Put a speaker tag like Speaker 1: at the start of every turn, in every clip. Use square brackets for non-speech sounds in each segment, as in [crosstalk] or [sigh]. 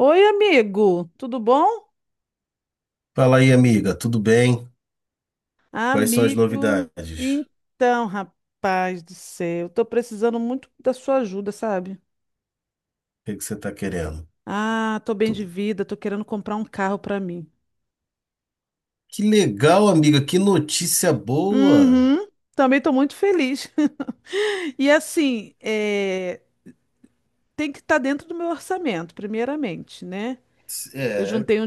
Speaker 1: Oi, amigo, tudo bom?
Speaker 2: Fala aí, amiga, tudo bem? Quais são as
Speaker 1: Amigo,
Speaker 2: novidades? O
Speaker 1: então, rapaz do céu, tô precisando muito da sua ajuda, sabe?
Speaker 2: que que você está querendo?
Speaker 1: Ah, tô bem de
Speaker 2: Tu-
Speaker 1: vida, tô querendo comprar um carro pra mim.
Speaker 2: Que legal, amiga, que notícia boa!
Speaker 1: Uhum, também tô muito feliz. [laughs] E assim, é, tem que estar dentro do meu orçamento, primeiramente, né? Eu
Speaker 2: É,
Speaker 1: juntei um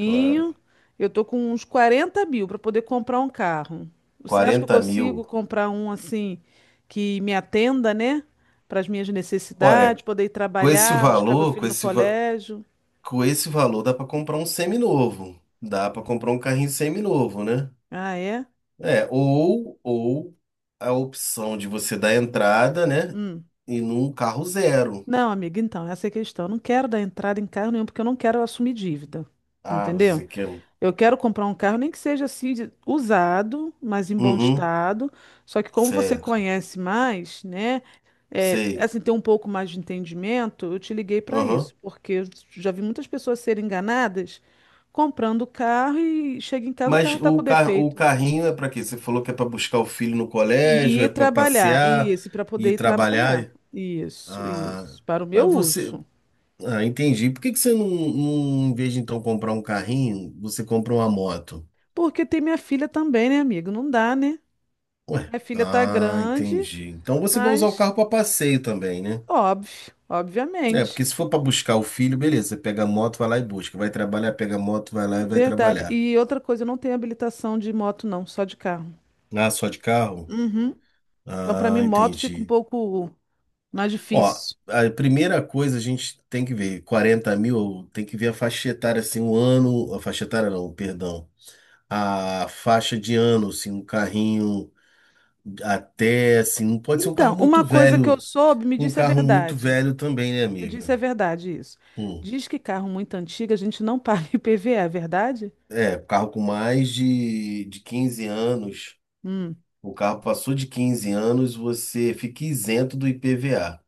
Speaker 2: claro.
Speaker 1: eu tô com uns 40 mil para poder comprar um carro. Você acha que eu
Speaker 2: 40 mil.
Speaker 1: consigo comprar um assim que me atenda, né? Para as minhas necessidades,
Speaker 2: Olha,
Speaker 1: poder ir
Speaker 2: com esse
Speaker 1: trabalhar, buscar meu
Speaker 2: valor, com
Speaker 1: filho no
Speaker 2: esse, va-
Speaker 1: colégio?
Speaker 2: com esse valor dá para comprar um semi-novo. Dá para comprar um carrinho semi-novo, né?
Speaker 1: Ah, é?
Speaker 2: É, ou a opção de você dar entrada, né?
Speaker 1: Hum.
Speaker 2: E num carro zero.
Speaker 1: Não, amiga, então, essa é a questão. Eu não quero dar entrada em carro nenhum porque eu não quero assumir dívida.
Speaker 2: Ah,
Speaker 1: Entendeu?
Speaker 2: você quer um.
Speaker 1: Eu quero comprar um carro, nem que seja assim, usado, mas em bom
Speaker 2: Uhum,
Speaker 1: estado. Só que como você
Speaker 2: certo.
Speaker 1: conhece mais, né? É,
Speaker 2: Sei.
Speaker 1: assim, ter um pouco mais de entendimento, eu te liguei para isso,
Speaker 2: Aham.
Speaker 1: porque eu já vi muitas pessoas serem enganadas comprando carro e chega em casa o
Speaker 2: Mas
Speaker 1: carro está com
Speaker 2: o
Speaker 1: defeito.
Speaker 2: carrinho é para quê? Você falou que é para buscar o filho no colégio,
Speaker 1: E
Speaker 2: é
Speaker 1: ir
Speaker 2: para
Speaker 1: trabalhar,
Speaker 2: passear
Speaker 1: isso, para poder
Speaker 2: e
Speaker 1: ir trabalhar.
Speaker 2: trabalhar.
Speaker 1: Isso,
Speaker 2: Ah,
Speaker 1: isso, para o meu
Speaker 2: mas você.
Speaker 1: uso.
Speaker 2: Ah, entendi. Por que que você não, em vez de então comprar um carrinho, você compra uma moto?
Speaker 1: Porque tem minha filha também, né, amigo? Não dá, né?
Speaker 2: Ué.
Speaker 1: Minha filha tá
Speaker 2: Ah,
Speaker 1: grande,
Speaker 2: entendi. Então você vai usar o
Speaker 1: mas.
Speaker 2: carro para passeio também, né?
Speaker 1: Óbvio,
Speaker 2: É,
Speaker 1: obviamente.
Speaker 2: porque se for para buscar o filho, beleza, você pega a moto, vai lá e busca. Vai trabalhar, pega a moto, vai lá e vai
Speaker 1: Verdade.
Speaker 2: trabalhar.
Speaker 1: E outra coisa, eu não tenho habilitação de moto, não, só de carro.
Speaker 2: Ah, só de carro?
Speaker 1: Uhum. Então, para
Speaker 2: Ah,
Speaker 1: mim, moto fica um
Speaker 2: entendi.
Speaker 1: pouco mais
Speaker 2: Ó,
Speaker 1: difícil.
Speaker 2: a primeira coisa a gente tem que ver, 40 mil, tem que ver a faixa etária, assim, o ano, a faixa etária não, perdão, a faixa de ano, assim, um carrinho até, assim, não pode ser um carro
Speaker 1: Então, uma
Speaker 2: muito
Speaker 1: coisa que eu
Speaker 2: velho,
Speaker 1: soube, me
Speaker 2: um
Speaker 1: disse é
Speaker 2: carro muito
Speaker 1: verdade.
Speaker 2: velho também, né,
Speaker 1: Me disse é
Speaker 2: amiga?
Speaker 1: verdade isso.
Speaker 2: Hum.
Speaker 1: Diz que carro muito antigo a gente não [laughs] paga IPVA, é verdade?
Speaker 2: É, carro com mais de 15 anos,
Speaker 1: Hum.
Speaker 2: o carro passou de 15 anos, você fica isento do IPVA.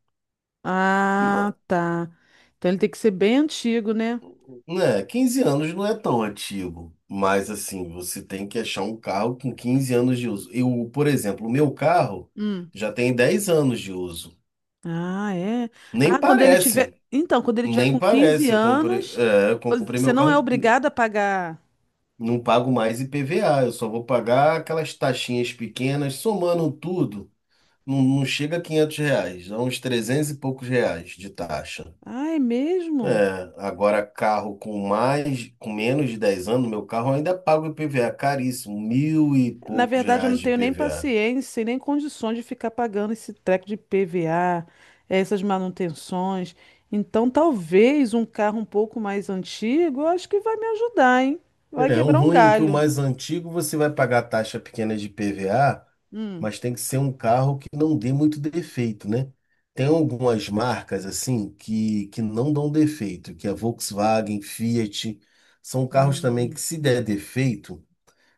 Speaker 1: Ah, tá. Então ele tem que ser bem antigo, né?
Speaker 2: Né, 15 anos não é tão antigo, mas assim, você tem que achar um carro com 15 anos de uso. Eu, por exemplo, o meu carro
Speaker 1: Hum.
Speaker 2: já tem 10 anos de uso.
Speaker 1: Ah, é.
Speaker 2: Nem
Speaker 1: Ah, quando ele tiver.
Speaker 2: parece,
Speaker 1: Então, quando ele tiver
Speaker 2: nem
Speaker 1: com 15
Speaker 2: parece. Eu comprei,
Speaker 1: anos,
Speaker 2: é, eu comprei
Speaker 1: você
Speaker 2: meu
Speaker 1: não é
Speaker 2: carro,
Speaker 1: obrigado a pagar.
Speaker 2: não pago mais IPVA, eu só vou pagar aquelas taxinhas pequenas, somando tudo, não, não chega a R$ 500, dá uns 300 e poucos reais de taxa.
Speaker 1: Ah, é mesmo?
Speaker 2: É, agora carro com mais, com menos de 10 anos, meu carro ainda paga o IPVA caríssimo, mil e
Speaker 1: Na
Speaker 2: poucos
Speaker 1: verdade, eu não
Speaker 2: reais de
Speaker 1: tenho nem
Speaker 2: IPVA.
Speaker 1: paciência e nem condições de ficar pagando esse treco de PVA, essas manutenções. Então, talvez um carro um pouco mais antigo, eu acho que vai me ajudar, hein? Vai
Speaker 2: É, um
Speaker 1: quebrar um
Speaker 2: ruim é que o
Speaker 1: galho.
Speaker 2: mais antigo você vai pagar taxa pequena de IPVA,
Speaker 1: Hum.
Speaker 2: mas tem que ser um carro que não dê muito defeito, né? Tem algumas marcas assim que não dão defeito, que é Volkswagen, Fiat, são carros também que
Speaker 1: Hum.
Speaker 2: se der defeito,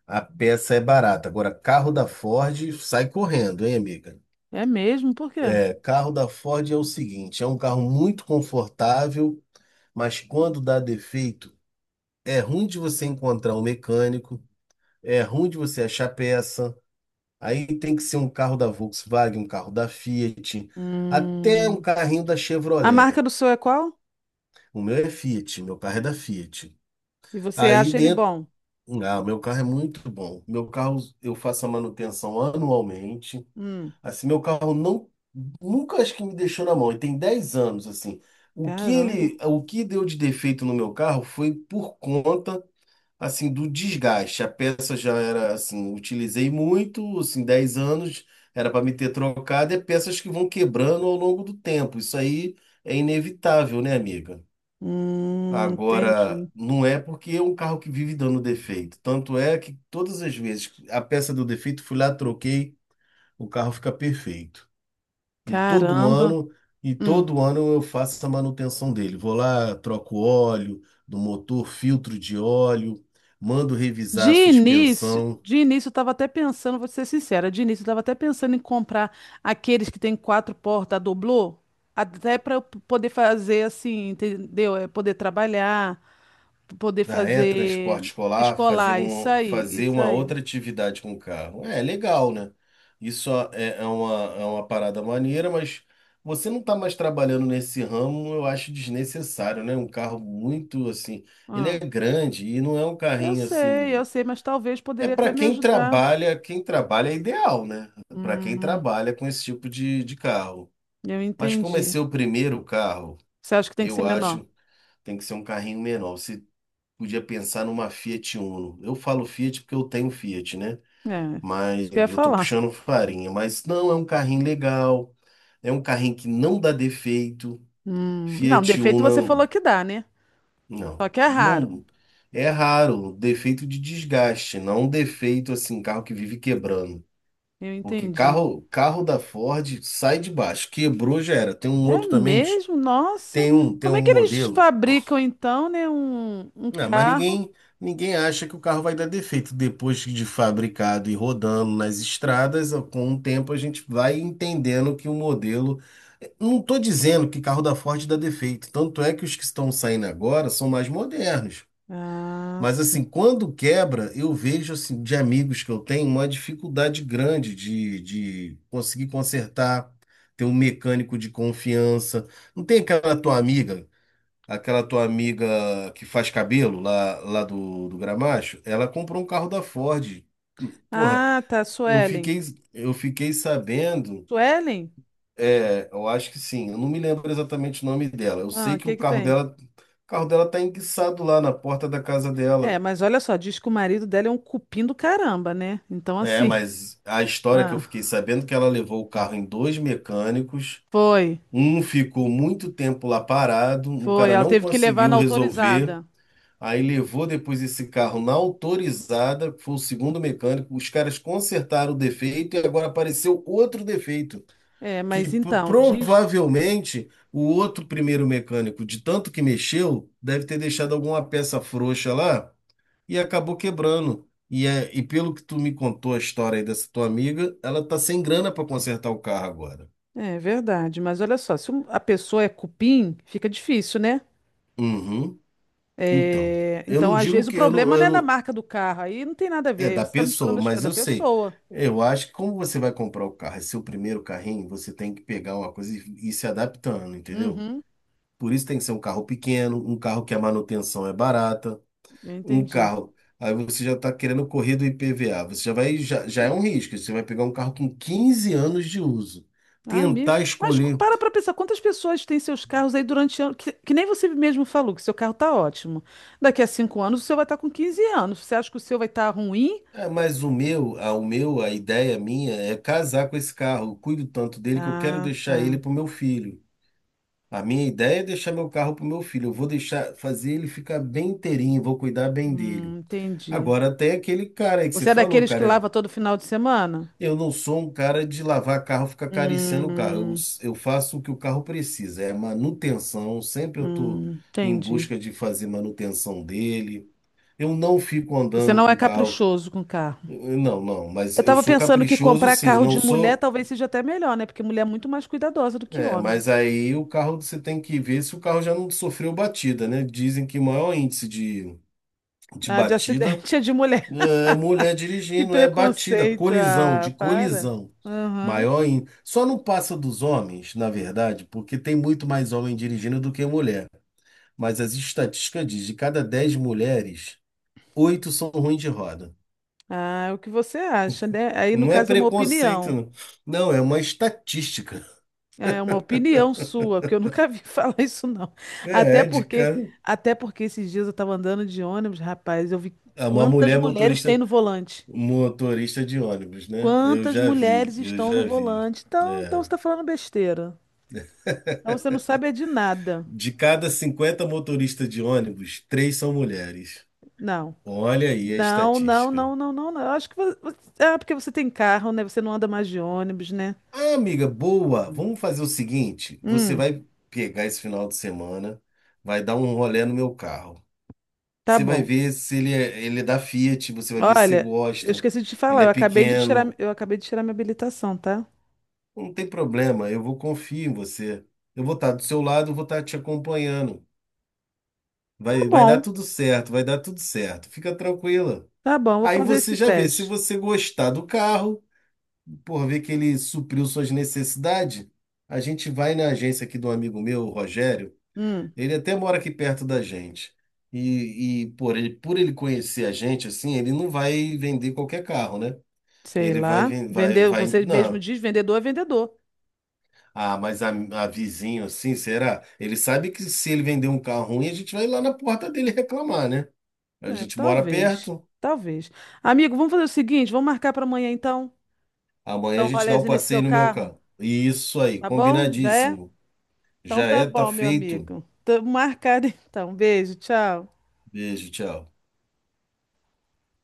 Speaker 2: a peça é barata. Agora, carro da Ford sai correndo, hein, amiga?
Speaker 1: É mesmo? Por quê?
Speaker 2: Carro da Ford é o seguinte, é um carro muito confortável, mas quando dá defeito, é ruim de você encontrar um mecânico, é ruim de você achar peça. Aí tem que ser um carro da Volkswagen, um carro da Fiat, até um
Speaker 1: Hum.
Speaker 2: carrinho da
Speaker 1: A
Speaker 2: Chevrolet.
Speaker 1: marca do seu é qual?
Speaker 2: O meu é Fiat, meu carro é da Fiat.
Speaker 1: E você
Speaker 2: Aí
Speaker 1: acha ele
Speaker 2: dentro,
Speaker 1: bom?
Speaker 2: ah, o meu carro é muito bom. Meu carro eu faço a manutenção anualmente.
Speaker 1: Hum.
Speaker 2: Assim, meu carro não, nunca acho que me deixou na mão. E tem 10 anos, assim. O que
Speaker 1: Caramba.
Speaker 2: ele, o que deu de defeito no meu carro foi por conta, assim, do desgaste. A peça já era, assim, utilizei muito, assim, 10 anos, era para me ter trocado, é peças que vão quebrando ao longo do tempo. Isso aí é inevitável, né, amiga? Agora,
Speaker 1: Entendi.
Speaker 2: não é porque é um carro que vive dando defeito. Tanto é que todas as vezes que a peça deu defeito, fui lá, troquei, o carro fica perfeito. E todo
Speaker 1: Caramba.
Speaker 2: ano, e
Speaker 1: Hum.
Speaker 2: todo ano eu faço essa manutenção dele. Vou lá, troco óleo do motor, filtro de óleo, mando revisar
Speaker 1: De
Speaker 2: a
Speaker 1: início,
Speaker 2: suspensão
Speaker 1: de início eu estava até pensando, vou ser sincera, de início eu estava até pensando em comprar aqueles que tem quatro portas, a doblô, até para eu poder fazer assim, entendeu? É poder trabalhar, poder
Speaker 2: da
Speaker 1: fazer
Speaker 2: transporte escolar,
Speaker 1: escolar, isso aí,
Speaker 2: fazer
Speaker 1: isso
Speaker 2: uma
Speaker 1: aí.
Speaker 2: outra atividade com o carro. É legal, né? Isso é uma parada maneira, mas você não está mais trabalhando nesse ramo, eu acho desnecessário, né? Um carro muito assim, ele
Speaker 1: Ah,
Speaker 2: é grande e não é um carrinho
Speaker 1: eu
Speaker 2: assim.
Speaker 1: sei, mas talvez
Speaker 2: É
Speaker 1: poderia até
Speaker 2: para
Speaker 1: me ajudar.
Speaker 2: quem trabalha é ideal, né? Para quem
Speaker 1: Hum,
Speaker 2: trabalha com esse tipo de carro.
Speaker 1: eu
Speaker 2: Mas como é
Speaker 1: entendi.
Speaker 2: seu primeiro carro,
Speaker 1: Você acha que tem que
Speaker 2: eu
Speaker 1: ser
Speaker 2: acho
Speaker 1: menor?
Speaker 2: que tem que ser um carrinho menor. Você podia pensar numa Fiat Uno. Eu falo Fiat porque eu tenho Fiat, né?
Speaker 1: É,
Speaker 2: Mas
Speaker 1: isso que eu ia
Speaker 2: eu tô
Speaker 1: falar.
Speaker 2: puxando farinha. Mas não, é um carrinho legal. É um carrinho que não dá defeito.
Speaker 1: Não,
Speaker 2: Fiat
Speaker 1: defeito você falou
Speaker 2: Uno,
Speaker 1: que dá, né?
Speaker 2: não,
Speaker 1: Só que é raro.
Speaker 2: não. É raro, defeito de desgaste, não um defeito assim, carro que vive quebrando.
Speaker 1: Eu
Speaker 2: Porque
Speaker 1: entendi.
Speaker 2: carro da Ford sai de baixo, quebrou já era. Tem um
Speaker 1: É
Speaker 2: outro também,
Speaker 1: mesmo? Nossa.
Speaker 2: tem um, tem
Speaker 1: Como é
Speaker 2: um
Speaker 1: que eles
Speaker 2: modelo.
Speaker 1: fabricam então, né, um
Speaker 2: Ah, mas
Speaker 1: carro?
Speaker 2: ninguém acha que o carro vai dar defeito depois de fabricado e rodando nas estradas. Com o tempo a gente vai entendendo que o modelo. Não estou dizendo que carro da Ford dá defeito, tanto é que os que estão saindo agora são mais modernos.
Speaker 1: Ah,
Speaker 2: Mas
Speaker 1: sim.
Speaker 2: assim, quando quebra, eu vejo assim, de amigos que eu tenho uma dificuldade grande de conseguir consertar, ter um mecânico de confiança. Não tem aquela tua amiga que faz cabelo lá do Gramacho? Ela comprou um carro da Ford. Porra,
Speaker 1: Ah, tá,
Speaker 2: eu
Speaker 1: Suelen.
Speaker 2: fiquei, eu fiquei sabendo,
Speaker 1: Suelen?
Speaker 2: é, eu acho que sim, eu não me lembro exatamente o nome dela. Eu
Speaker 1: Ah,
Speaker 2: sei
Speaker 1: o
Speaker 2: que o
Speaker 1: que que
Speaker 2: carro
Speaker 1: tem?
Speaker 2: dela, o carro dela tá enguiçado lá na porta da casa
Speaker 1: É,
Speaker 2: dela.
Speaker 1: mas olha só, diz que o marido dela é um cupim do caramba, né? Então
Speaker 2: É,
Speaker 1: assim,
Speaker 2: mas a
Speaker 1: [laughs]
Speaker 2: história que eu
Speaker 1: ah,
Speaker 2: fiquei sabendo é que ela levou o carro em dois mecânicos,
Speaker 1: foi,
Speaker 2: um ficou muito tempo lá parado, o
Speaker 1: foi,
Speaker 2: cara
Speaker 1: ela
Speaker 2: não
Speaker 1: teve que levar
Speaker 2: conseguiu
Speaker 1: na
Speaker 2: resolver,
Speaker 1: autorizada.
Speaker 2: aí levou depois esse carro na autorizada, que foi o segundo mecânico, os caras consertaram o defeito e agora apareceu outro defeito,
Speaker 1: É,
Speaker 2: que
Speaker 1: mas então, diz,
Speaker 2: provavelmente o outro primeiro mecânico, de tanto que mexeu, deve ter deixado alguma peça frouxa lá e acabou quebrando. E pelo que tu me contou a história aí dessa tua amiga, ela tá sem grana para consertar o carro agora.
Speaker 1: é verdade, mas olha só, se a pessoa é cupim, fica difícil, né?
Speaker 2: Uhum. Então,
Speaker 1: É,
Speaker 2: eu
Speaker 1: então,
Speaker 2: não
Speaker 1: às
Speaker 2: digo
Speaker 1: vezes, o
Speaker 2: que
Speaker 1: problema não
Speaker 2: eu
Speaker 1: é da
Speaker 2: não-
Speaker 1: marca do carro, aí não tem nada a
Speaker 2: é
Speaker 1: ver,
Speaker 2: da
Speaker 1: você está
Speaker 2: pessoa,
Speaker 1: misturando as coisas
Speaker 2: mas
Speaker 1: da
Speaker 2: eu sei.
Speaker 1: pessoa.
Speaker 2: Eu acho que como você vai comprar o carro, é seu primeiro carrinho, você tem que pegar uma coisa e ir se adaptando, entendeu?
Speaker 1: Uhum,
Speaker 2: Por isso tem que ser um carro pequeno, um carro que a manutenção é barata.
Speaker 1: eu
Speaker 2: Um
Speaker 1: entendi.
Speaker 2: carro. Aí você já está querendo correr do IPVA. Você já vai, já é um risco. Você vai pegar um carro com 15 anos de uso.
Speaker 1: Ah, amigo.
Speaker 2: Tentar
Speaker 1: Mas
Speaker 2: escolher.
Speaker 1: para pensar, quantas pessoas têm seus carros aí durante anos? Que nem você mesmo falou, que seu carro tá ótimo. Daqui a 5 anos o seu vai estar com 15 anos. Você acha que o seu vai estar ruim?
Speaker 2: É, mas a ideia minha é casar com esse carro. Eu cuido tanto dele que eu quero
Speaker 1: Ah,
Speaker 2: deixar
Speaker 1: tá.
Speaker 2: ele para o meu filho. A minha ideia é deixar meu carro para o meu filho. Eu vou deixar, fazer ele ficar bem inteirinho, vou cuidar bem dele.
Speaker 1: Entendi.
Speaker 2: Agora tem aquele cara aí que você
Speaker 1: Você é
Speaker 2: falou,
Speaker 1: daqueles que
Speaker 2: cara.
Speaker 1: lava todo final de semana?
Speaker 2: Eu não sou um cara de lavar carro, ficar
Speaker 1: Hum,
Speaker 2: acariciando o carro. Eu faço o que o carro precisa, é manutenção. Sempre eu estou em
Speaker 1: entendi.
Speaker 2: busca de fazer manutenção dele. Eu não fico
Speaker 1: Você
Speaker 2: andando
Speaker 1: não
Speaker 2: com
Speaker 1: é
Speaker 2: o carro.
Speaker 1: caprichoso com o carro.
Speaker 2: Não, não, mas
Speaker 1: Eu
Speaker 2: eu
Speaker 1: tava
Speaker 2: sou
Speaker 1: pensando que
Speaker 2: caprichoso,
Speaker 1: comprar
Speaker 2: sim.
Speaker 1: carro
Speaker 2: Não
Speaker 1: de mulher
Speaker 2: sou.
Speaker 1: talvez seja até melhor, né? Porque mulher é muito mais cuidadosa do que
Speaker 2: É,
Speaker 1: homem.
Speaker 2: mas aí o carro você tem que ver se o carro já não sofreu batida, né? Dizem que o maior índice de
Speaker 1: Ah, de
Speaker 2: batida.
Speaker 1: acidente [laughs] é de mulher.
Speaker 2: É, mulher
Speaker 1: Que
Speaker 2: dirigindo é batida,
Speaker 1: preconceito.
Speaker 2: colisão, de
Speaker 1: Ah, para.
Speaker 2: colisão.
Speaker 1: Aham.
Speaker 2: Maior em. Só não passa dos homens, na verdade, porque tem muito mais homem dirigindo do que mulher. Mas as estatísticas dizem, de cada 10 mulheres, oito são ruins de roda.
Speaker 1: Ah, é o que você acha, né? Aí, no
Speaker 2: Não é
Speaker 1: caso, é uma
Speaker 2: preconceito,
Speaker 1: opinião.
Speaker 2: não. Não, é uma estatística.
Speaker 1: É uma opinião sua, que eu nunca vi [laughs] falar isso, não. Até
Speaker 2: É de
Speaker 1: porque,
Speaker 2: cara.
Speaker 1: até porque esses dias eu tava andando de ônibus, rapaz, eu vi
Speaker 2: É. Uma
Speaker 1: quantas
Speaker 2: mulher
Speaker 1: mulheres tem
Speaker 2: motorista,
Speaker 1: no volante.
Speaker 2: motorista de ônibus, né? Eu
Speaker 1: Quantas
Speaker 2: já vi,
Speaker 1: mulheres
Speaker 2: eu
Speaker 1: estão no
Speaker 2: já vi.
Speaker 1: volante. Então, então
Speaker 2: É.
Speaker 1: você tá falando besteira. Então você não sabe é de nada.
Speaker 2: De cada 50 motoristas de ônibus, três são mulheres.
Speaker 1: Não.
Speaker 2: Olha aí a
Speaker 1: Não, não,
Speaker 2: estatística.
Speaker 1: não, não, não, não. Eu acho que você... você- Ah, porque você tem carro, né? Você não anda mais de ônibus, né?
Speaker 2: Ah, amiga, boa! Vamos fazer o seguinte: você
Speaker 1: Hum,
Speaker 2: vai pegar esse final de semana, vai dar um rolê no meu carro.
Speaker 1: tá
Speaker 2: Você vai
Speaker 1: bom.
Speaker 2: ver se ele é da Fiat, você vai ver se você
Speaker 1: Olha, eu
Speaker 2: gosta.
Speaker 1: esqueci de te falar,
Speaker 2: Ele é
Speaker 1: eu acabei de tirar,
Speaker 2: pequeno.
Speaker 1: eu acabei de tirar minha habilitação, tá?
Speaker 2: Não tem problema, eu vou confiar em você. Eu vou estar do seu lado, eu vou estar te acompanhando.
Speaker 1: Tá
Speaker 2: Vai dar
Speaker 1: bom.
Speaker 2: tudo certo, vai dar tudo certo. Fica tranquila.
Speaker 1: Tá bom, vou
Speaker 2: Aí
Speaker 1: fazer
Speaker 2: você
Speaker 1: esse
Speaker 2: já vê se
Speaker 1: teste.
Speaker 2: você gostar do carro, por ver que ele supriu suas necessidades, a gente vai na agência aqui do amigo meu, o Rogério.
Speaker 1: Hum,
Speaker 2: Ele até mora aqui perto da gente. E por ele, conhecer a gente, assim, ele não vai vender qualquer carro, né?
Speaker 1: sei
Speaker 2: Ele vai,
Speaker 1: lá.
Speaker 2: ven- vai,
Speaker 1: Vender,
Speaker 2: vai,
Speaker 1: você mesmo
Speaker 2: não.
Speaker 1: diz, vendedor.
Speaker 2: Ah, mas a vizinho, assim, será? Ele sabe que se ele vender um carro ruim, a gente vai lá na porta dele reclamar, né? A
Speaker 1: É,
Speaker 2: gente mora
Speaker 1: talvez.
Speaker 2: perto,
Speaker 1: Talvez. Amigo, vamos fazer o seguinte, vamos marcar para amanhã então.
Speaker 2: amanhã
Speaker 1: Dar
Speaker 2: a
Speaker 1: um
Speaker 2: gente dá o
Speaker 1: rolezinho nesse seu
Speaker 2: passeio no meu
Speaker 1: carro,
Speaker 2: carro. Isso aí,
Speaker 1: tá bom? Já é?
Speaker 2: combinadíssimo.
Speaker 1: Então
Speaker 2: Já
Speaker 1: tá
Speaker 2: é, tá
Speaker 1: bom, meu
Speaker 2: feito.
Speaker 1: amigo. Tamo marcado então. Beijo, tchau.
Speaker 2: Beijo, tchau.